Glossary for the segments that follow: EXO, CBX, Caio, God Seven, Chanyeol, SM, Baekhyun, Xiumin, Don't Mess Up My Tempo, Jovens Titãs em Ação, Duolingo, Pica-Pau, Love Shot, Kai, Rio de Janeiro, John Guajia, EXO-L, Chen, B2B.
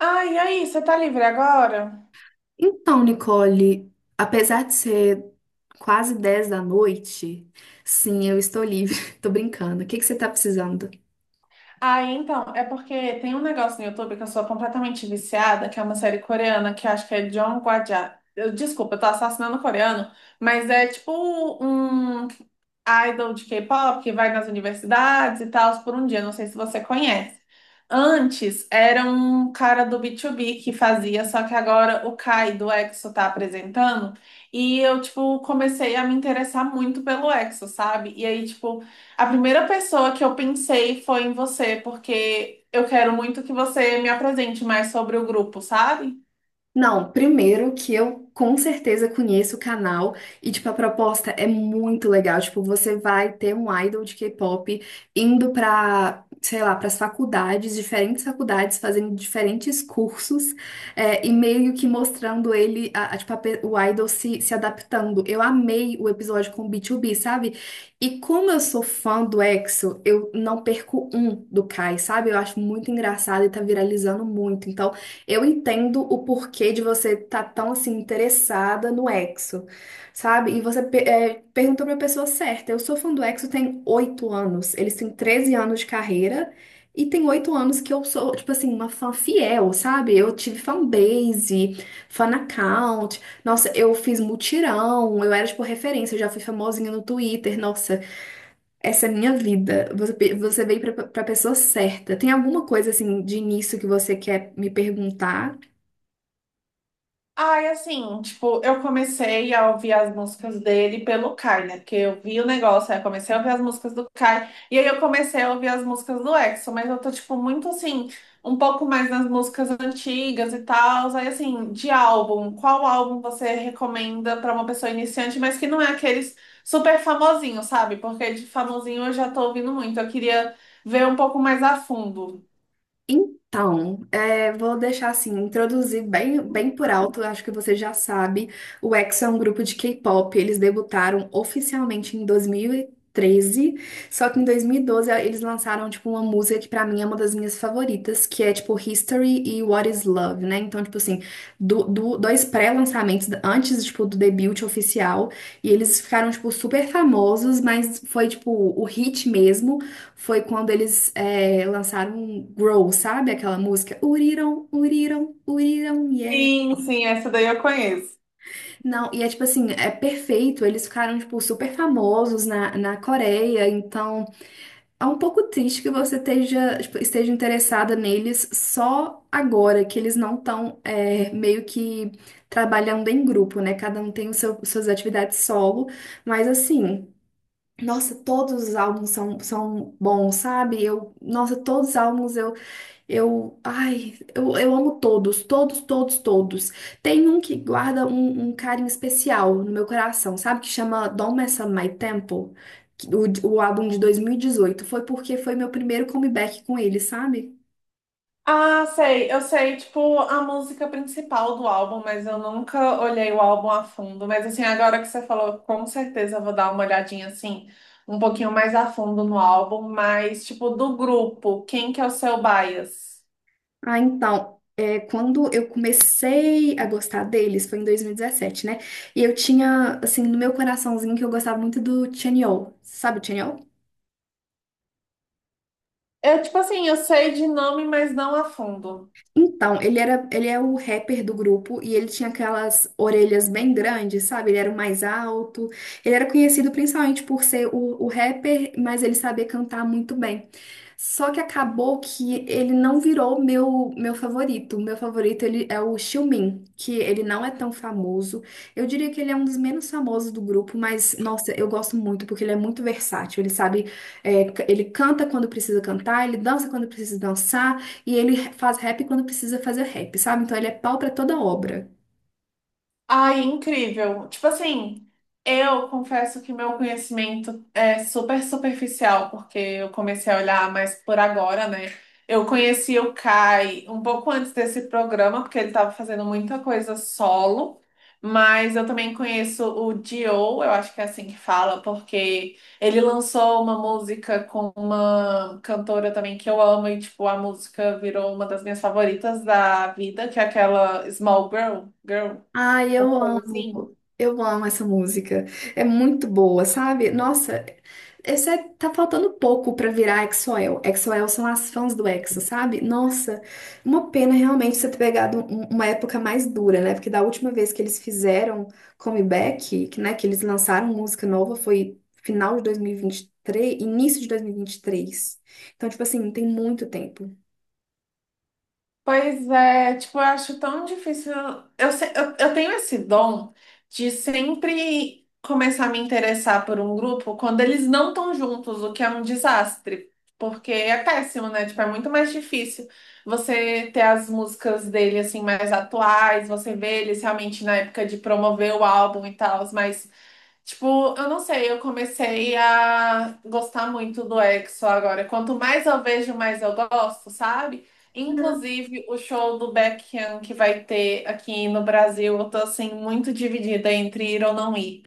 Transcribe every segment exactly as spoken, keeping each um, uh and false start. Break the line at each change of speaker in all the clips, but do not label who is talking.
Ah, e aí, você tá livre agora?
Então, Nicole, apesar de ser quase dez da noite, sim, eu estou livre. Tô brincando. O que que você tá precisando?
Ah, então, é porque tem um negócio no YouTube que eu sou completamente viciada, que é uma série coreana, que eu acho que é John Guajia. Eu, desculpa, eu tô assassinando coreano, mas é tipo um idol de K-pop que vai nas universidades e tal por um dia, não sei se você conhece. Antes era um cara do B dois B que fazia, só que agora o Kai do E X O tá apresentando. E eu, tipo, comecei a me interessar muito pelo E X O, sabe? E aí, tipo, a primeira pessoa que eu pensei foi em você, porque eu quero muito que você me apresente mais sobre o grupo, sabe?
Não, primeiro que eu com certeza conheço o canal e, tipo, a proposta é muito legal. Tipo, você vai ter um idol de K-pop indo pra, sei lá, pras faculdades, diferentes faculdades, fazendo diferentes cursos é, e meio que mostrando ele, a, a, tipo, a pe- o idol se, se adaptando. Eu amei o episódio com o B dois B, sabe? E como eu sou fã do EXO, eu não perco um do Kai, sabe? Eu acho muito engraçado e tá viralizando muito. Então, eu entendo o porquê de você estar tão assim interessada no EXO, sabe? E você pe- é, perguntou para a pessoa certa. Eu sou fã do EXO tem oito anos. Eles têm treze anos de carreira e tem oito anos que eu sou, tipo assim, uma fã fiel, sabe? Eu tive fanbase, fan account. Nossa, eu fiz mutirão, eu era tipo referência, eu já fui famosinha no Twitter. Nossa, essa é a minha vida. Você, pe- você veio para a pessoa certa. Tem alguma coisa assim de início que você quer me perguntar?
Ai, assim, tipo, eu comecei a ouvir as músicas dele pelo Kai, né? Porque eu vi o negócio, aí eu comecei a ouvir as músicas do Kai, e aí eu comecei a ouvir as músicas do E X O, mas eu tô, tipo, muito assim, um pouco mais nas músicas antigas e tal. Aí, assim, de álbum, qual álbum você recomenda pra uma pessoa iniciante, mas que não é aqueles super famosinhos, sabe? Porque de famosinho eu já tô ouvindo muito, eu queria ver um pouco mais a fundo.
Então, é, vou deixar assim, introduzir bem, bem por alto, acho que você já sabe, o EXO é um grupo de K-pop, eles debutaram oficialmente em dois mil e treze, só que em dois mil e doze eles lançaram, tipo, uma música que pra mim é uma das minhas favoritas, que é, tipo, History e What is Love, né? Então, tipo assim, do, do- dois pré-lançamentos antes, tipo, do debut oficial, e eles ficaram, tipo, super famosos, mas foi, tipo, o hit mesmo foi quando eles é, lançaram um Grow, sabe? Aquela música. Uriram, uriram, uriram, yeah.
Sim, sim, essa daí eu conheço.
Não, e é tipo assim, é perfeito. Eles ficaram, tipo, super famosos na, na Coreia. Então, é um pouco triste que você esteja, tipo, esteja interessada neles só agora, que eles não estão meio que trabalhando em grupo, né? Cada um tem o seu, suas atividades solo. Mas assim. Nossa, todos os álbuns são, são bons, sabe? Eu, nossa, todos os álbuns. Eu, ai, eu, eu amo todos, todos, todos, todos. Tem um que guarda um, um carinho especial no meu coração, sabe? Que chama Don't Mess Up My Tempo, que- o, o álbum de dois mil e dezoito. Foi porque foi meu primeiro comeback com ele, sabe?
Ah, sei, eu sei, tipo, a música principal do álbum, mas eu nunca olhei o álbum a fundo. Mas assim, agora que você falou, com certeza eu vou dar uma olhadinha assim, um pouquinho mais a fundo no álbum, mas tipo, do grupo, quem que é o seu bias?
Ah, então, é, quando eu comecei a gostar deles, foi em dois mil e dezessete, né? E eu tinha, assim, no meu coraçãozinho que eu gostava muito do Chanyeol. Sabe o Chanyeol?
Eu, tipo assim, eu sei de nome, mas não a fundo.
Então, ele era, ele é o rapper do grupo e ele tinha aquelas orelhas bem grandes, sabe? Ele era o mais alto. Ele era conhecido principalmente por ser o, o rapper, mas ele sabia cantar muito bem. Só que acabou que ele não virou meu meu favorito. Meu favorito ele é o Xiumin, que ele não é tão famoso. Eu diria que ele é um dos menos famosos do grupo, mas nossa, eu gosto muito porque ele é muito versátil. Ele sabe, é, c- ele canta quando precisa cantar, ele dança quando precisa dançar. E ele faz rap quando precisa fazer rap, sabe? Então ele é pau pra toda obra.
Ai, incrível. Tipo assim, eu confesso que meu conhecimento é super superficial, porque eu comecei a olhar mais por agora, né? Eu conheci o Kai um pouco antes desse programa, porque ele estava fazendo muita coisa solo, mas eu também conheço o Dio, eu acho que é assim que fala, porque ele lançou uma música com uma cantora também que eu amo, e tipo, a música virou uma das minhas favoritas da vida, que é aquela Small Girl, Girl.
Ai,
Alguma
eu
coisa assim?
amo. Eu amo essa música. É muito boa, sabe? Nossa, esse é, tá faltando pouco pra virar EXO-L. EXO-L são as fãs do EXO, sabe? Nossa, uma pena realmente você ter pegado um- uma época mais dura, né? Porque da última vez que eles fizeram comeback, que, né, que eles lançaram música nova foi final de dois mil e vinte e três, início de dois mil e vinte e três. Então, tipo assim, tem muito tempo.
Pois é, tipo, eu acho tão difícil. Eu, se- eu, eu tenho esse dom de sempre começar a me interessar por um grupo quando eles não estão juntos, o que é um desastre. Porque é péssimo, né? Tipo, é muito mais difícil você ter as músicas dele, assim, mais atuais, você vê eles realmente na época de promover o álbum e tal, mas. Tipo, eu não sei, eu comecei a gostar muito do E X O agora. Quanto mais eu vejo, mais eu gosto, sabe? Inclusive, o show do Baekhyun que vai ter aqui no Brasil, eu tô assim muito dividida entre ir ou não ir.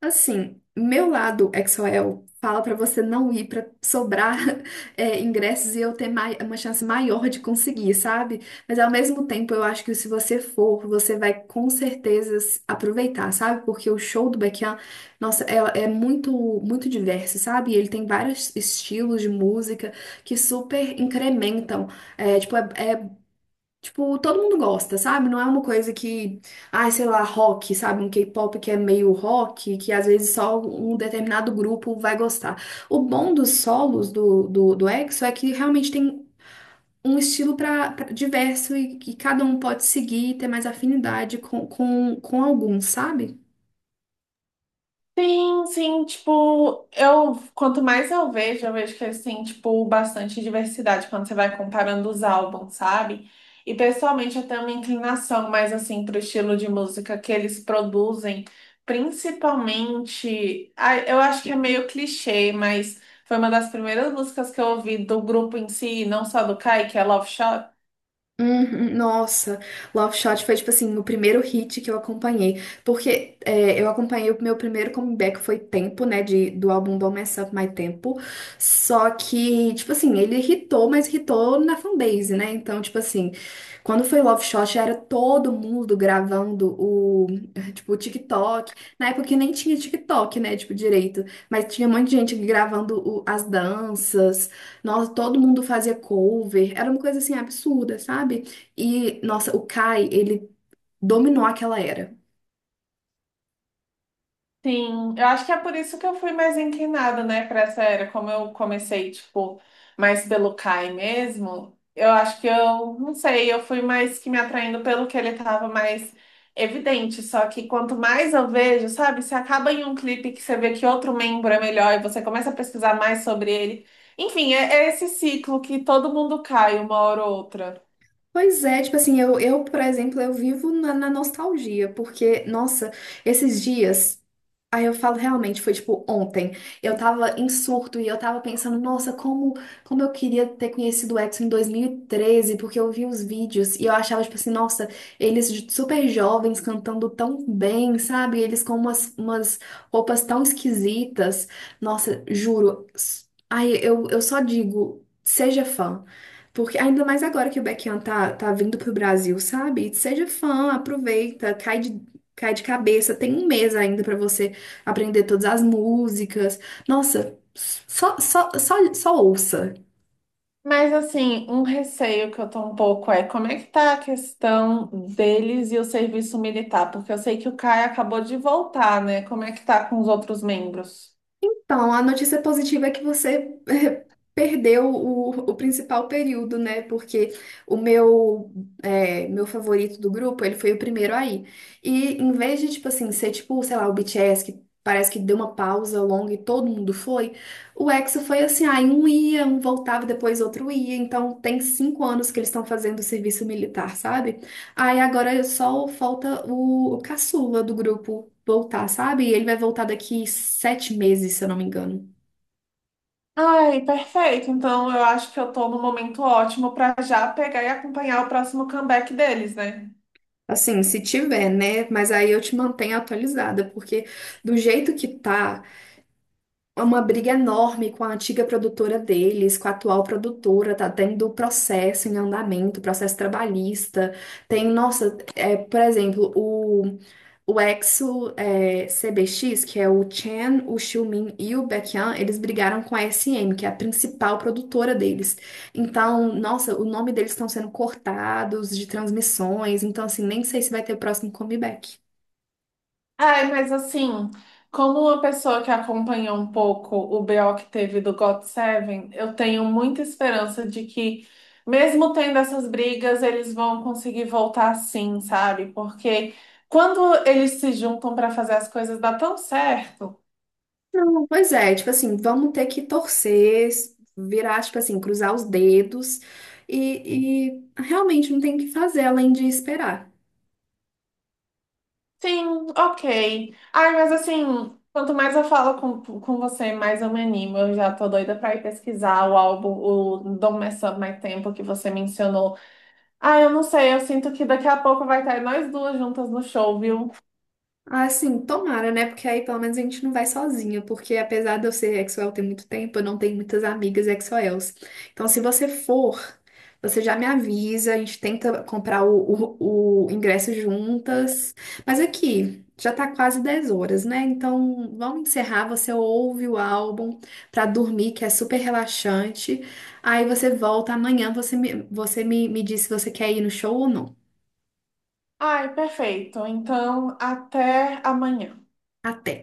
Assim, meu lado exoel fala pra você não ir pra sobrar é, ingressos e eu ter mai- uma chance maior de conseguir, sabe? Mas ao mesmo tempo, eu acho que se você for, você vai com certeza s- aproveitar, sabe? Porque o show do Baekhyun, nossa, é, é muito muito diverso, sabe? E ele tem vários estilos de música que super incrementam. É, tipo, é, é Tipo, todo mundo gosta, sabe? Não é uma coisa que, ai, sei lá, rock, sabe? Um K-pop que é meio rock, que às vezes só um determinado grupo vai gostar. O bom dos solos do, do, do EXO é que realmente tem um estilo pra, pra- diverso e que cada um pode seguir e ter mais afinidade com, com, com algum, sabe?
Sim, sim, tipo, eu quanto mais eu vejo, eu vejo que eles têm, tipo, bastante diversidade quando você vai comparando os álbuns, sabe? E pessoalmente eu tenho uma inclinação mais assim pro estilo de música que eles produzem, principalmente, ah, eu acho que é meio clichê, mas foi uma das primeiras músicas que eu ouvi do grupo em si, não só do Kai, que é Love Shot.
Uhum. Nossa, Love Shot foi tipo assim o primeiro hit que eu acompanhei, porque é, eu acompanhei o meu primeiro comeback foi Tempo, né, de, do álbum Don't Mess Up My Tempo. Só que tipo assim ele hitou, mas hitou na fanbase, né? Então tipo assim, quando foi Love Shot era todo mundo gravando o, tipo, o TikTok. Na época que nem tinha TikTok, né, tipo direito, mas tinha um monte de gente gravando o- as danças. Nossa, todo mundo fazia cover, era uma coisa assim absurda, sabe? E, nossa, o Kai, ele dominou aquela era.
Sim, eu acho que é por isso que eu fui mais inclinada, né, para essa era. Como eu comecei, tipo, mais pelo Kai mesmo, eu acho que eu, não sei, eu fui mais que me atraindo pelo que ele tava mais evidente. Só que quanto mais eu vejo, sabe, você acaba em um clipe que você vê que outro membro é melhor e você começa a pesquisar mais sobre ele. Enfim, é, é esse ciclo que todo mundo cai uma hora ou outra.
Pois é, tipo assim, eu, eu, por exemplo, eu vivo na, na nostalgia, porque, nossa, esses dias. Aí eu falo, realmente, foi tipo ontem. Eu tava em surto e eu tava pensando, nossa, como, como eu queria ter conhecido o Exo em dois mil e treze porque eu vi os vídeos e eu achava, tipo assim, nossa, eles j- super jovens cantando tão bem, sabe? Eles com umas, umas roupas tão esquisitas. Nossa, juro. s- Ai, eu, eu só digo, seja fã. Porque ainda mais agora que o Baekhyun tá, tá vindo pro Brasil, sabe? Seja fã, aproveita, cai de, cai de cabeça. Tem um mês ainda pra você aprender todas as músicas. Nossa, só, só, só, só ouça.
Mas assim, um receio que eu tô um pouco é como é que tá a questão deles e o serviço militar, porque eu sei que o Caio acabou de voltar, né? Como é que tá com os outros membros?
Então, a notícia positiva é que você eh, perdeu o, o principal período, né? Porque o meu, eh, meu favorito do grupo, ele foi o primeiro aí. E em vez de, tipo assim, ser tipo, sei lá, o B T S, que parece que deu uma pausa longa e todo mundo foi, o EXO foi assim, aí um ia, um voltava, depois outro ia. Então, tem cinco anos que eles estão fazendo o serviço militar, sabe? Aí agora só falta o, o caçula do grupo voltar, sabe? E ele vai voltar daqui sete meses, se eu não me engano.
Ai, perfeito. Então eu acho que eu tô no momento ótimo pra já pegar e acompanhar o próximo comeback deles, né?
Assim, se tiver, né? Mas aí eu te mantenho atualizada, porque do jeito que tá, é uma briga enorme com a antiga produtora deles, com a atual produtora, tá tendo processo em andamento, processo trabalhista. Tem, nossa, é, por exemplo, o, o Exo é, C B X, que é o Chen, o Xiumin e o Baekhyun, eles brigaram com a S M, que é a principal produtora deles. Então, nossa, o nome deles estão sendo cortados de transmissões, então assim, nem sei se vai ter o próximo comeback.
Ai, mas assim, como uma pessoa que acompanhou um pouco o B O que teve do God Seven, eu tenho muita esperança de que, mesmo tendo essas brigas, eles vão conseguir voltar sim, sabe? Porque quando eles se juntam para fazer as coisas, dá tão certo.
Não, pois é, tipo assim, vamos ter que torcer, virar, tipo assim, cruzar os dedos e, e realmente não tem o que fazer além de esperar.
Sim, ok. Ai, mas assim, quanto mais eu falo com, com você, mais eu me animo. Eu já tô doida pra ir pesquisar o álbum, o Don't Mess Up My Tempo, que você mencionou. Ah, eu não sei, eu sinto que daqui a pouco vai estar nós duas juntas no show, viu?
Ah, sim, tomara, né? Porque aí pelo menos a gente não vai sozinha, porque apesar de eu ser Exoel tem muito tempo, eu não tenho muitas amigas Exoels. Então, se você for, você já me avisa, a gente tenta comprar o, o, o ingresso juntas. Mas aqui, já tá quase dez horas, né? Então, vamos encerrar, você ouve o álbum pra dormir, que é super relaxante. Aí você volta amanhã, você me, você me, me diz se você quer ir no show ou não.
Ai, perfeito. Então, até amanhã.
Até.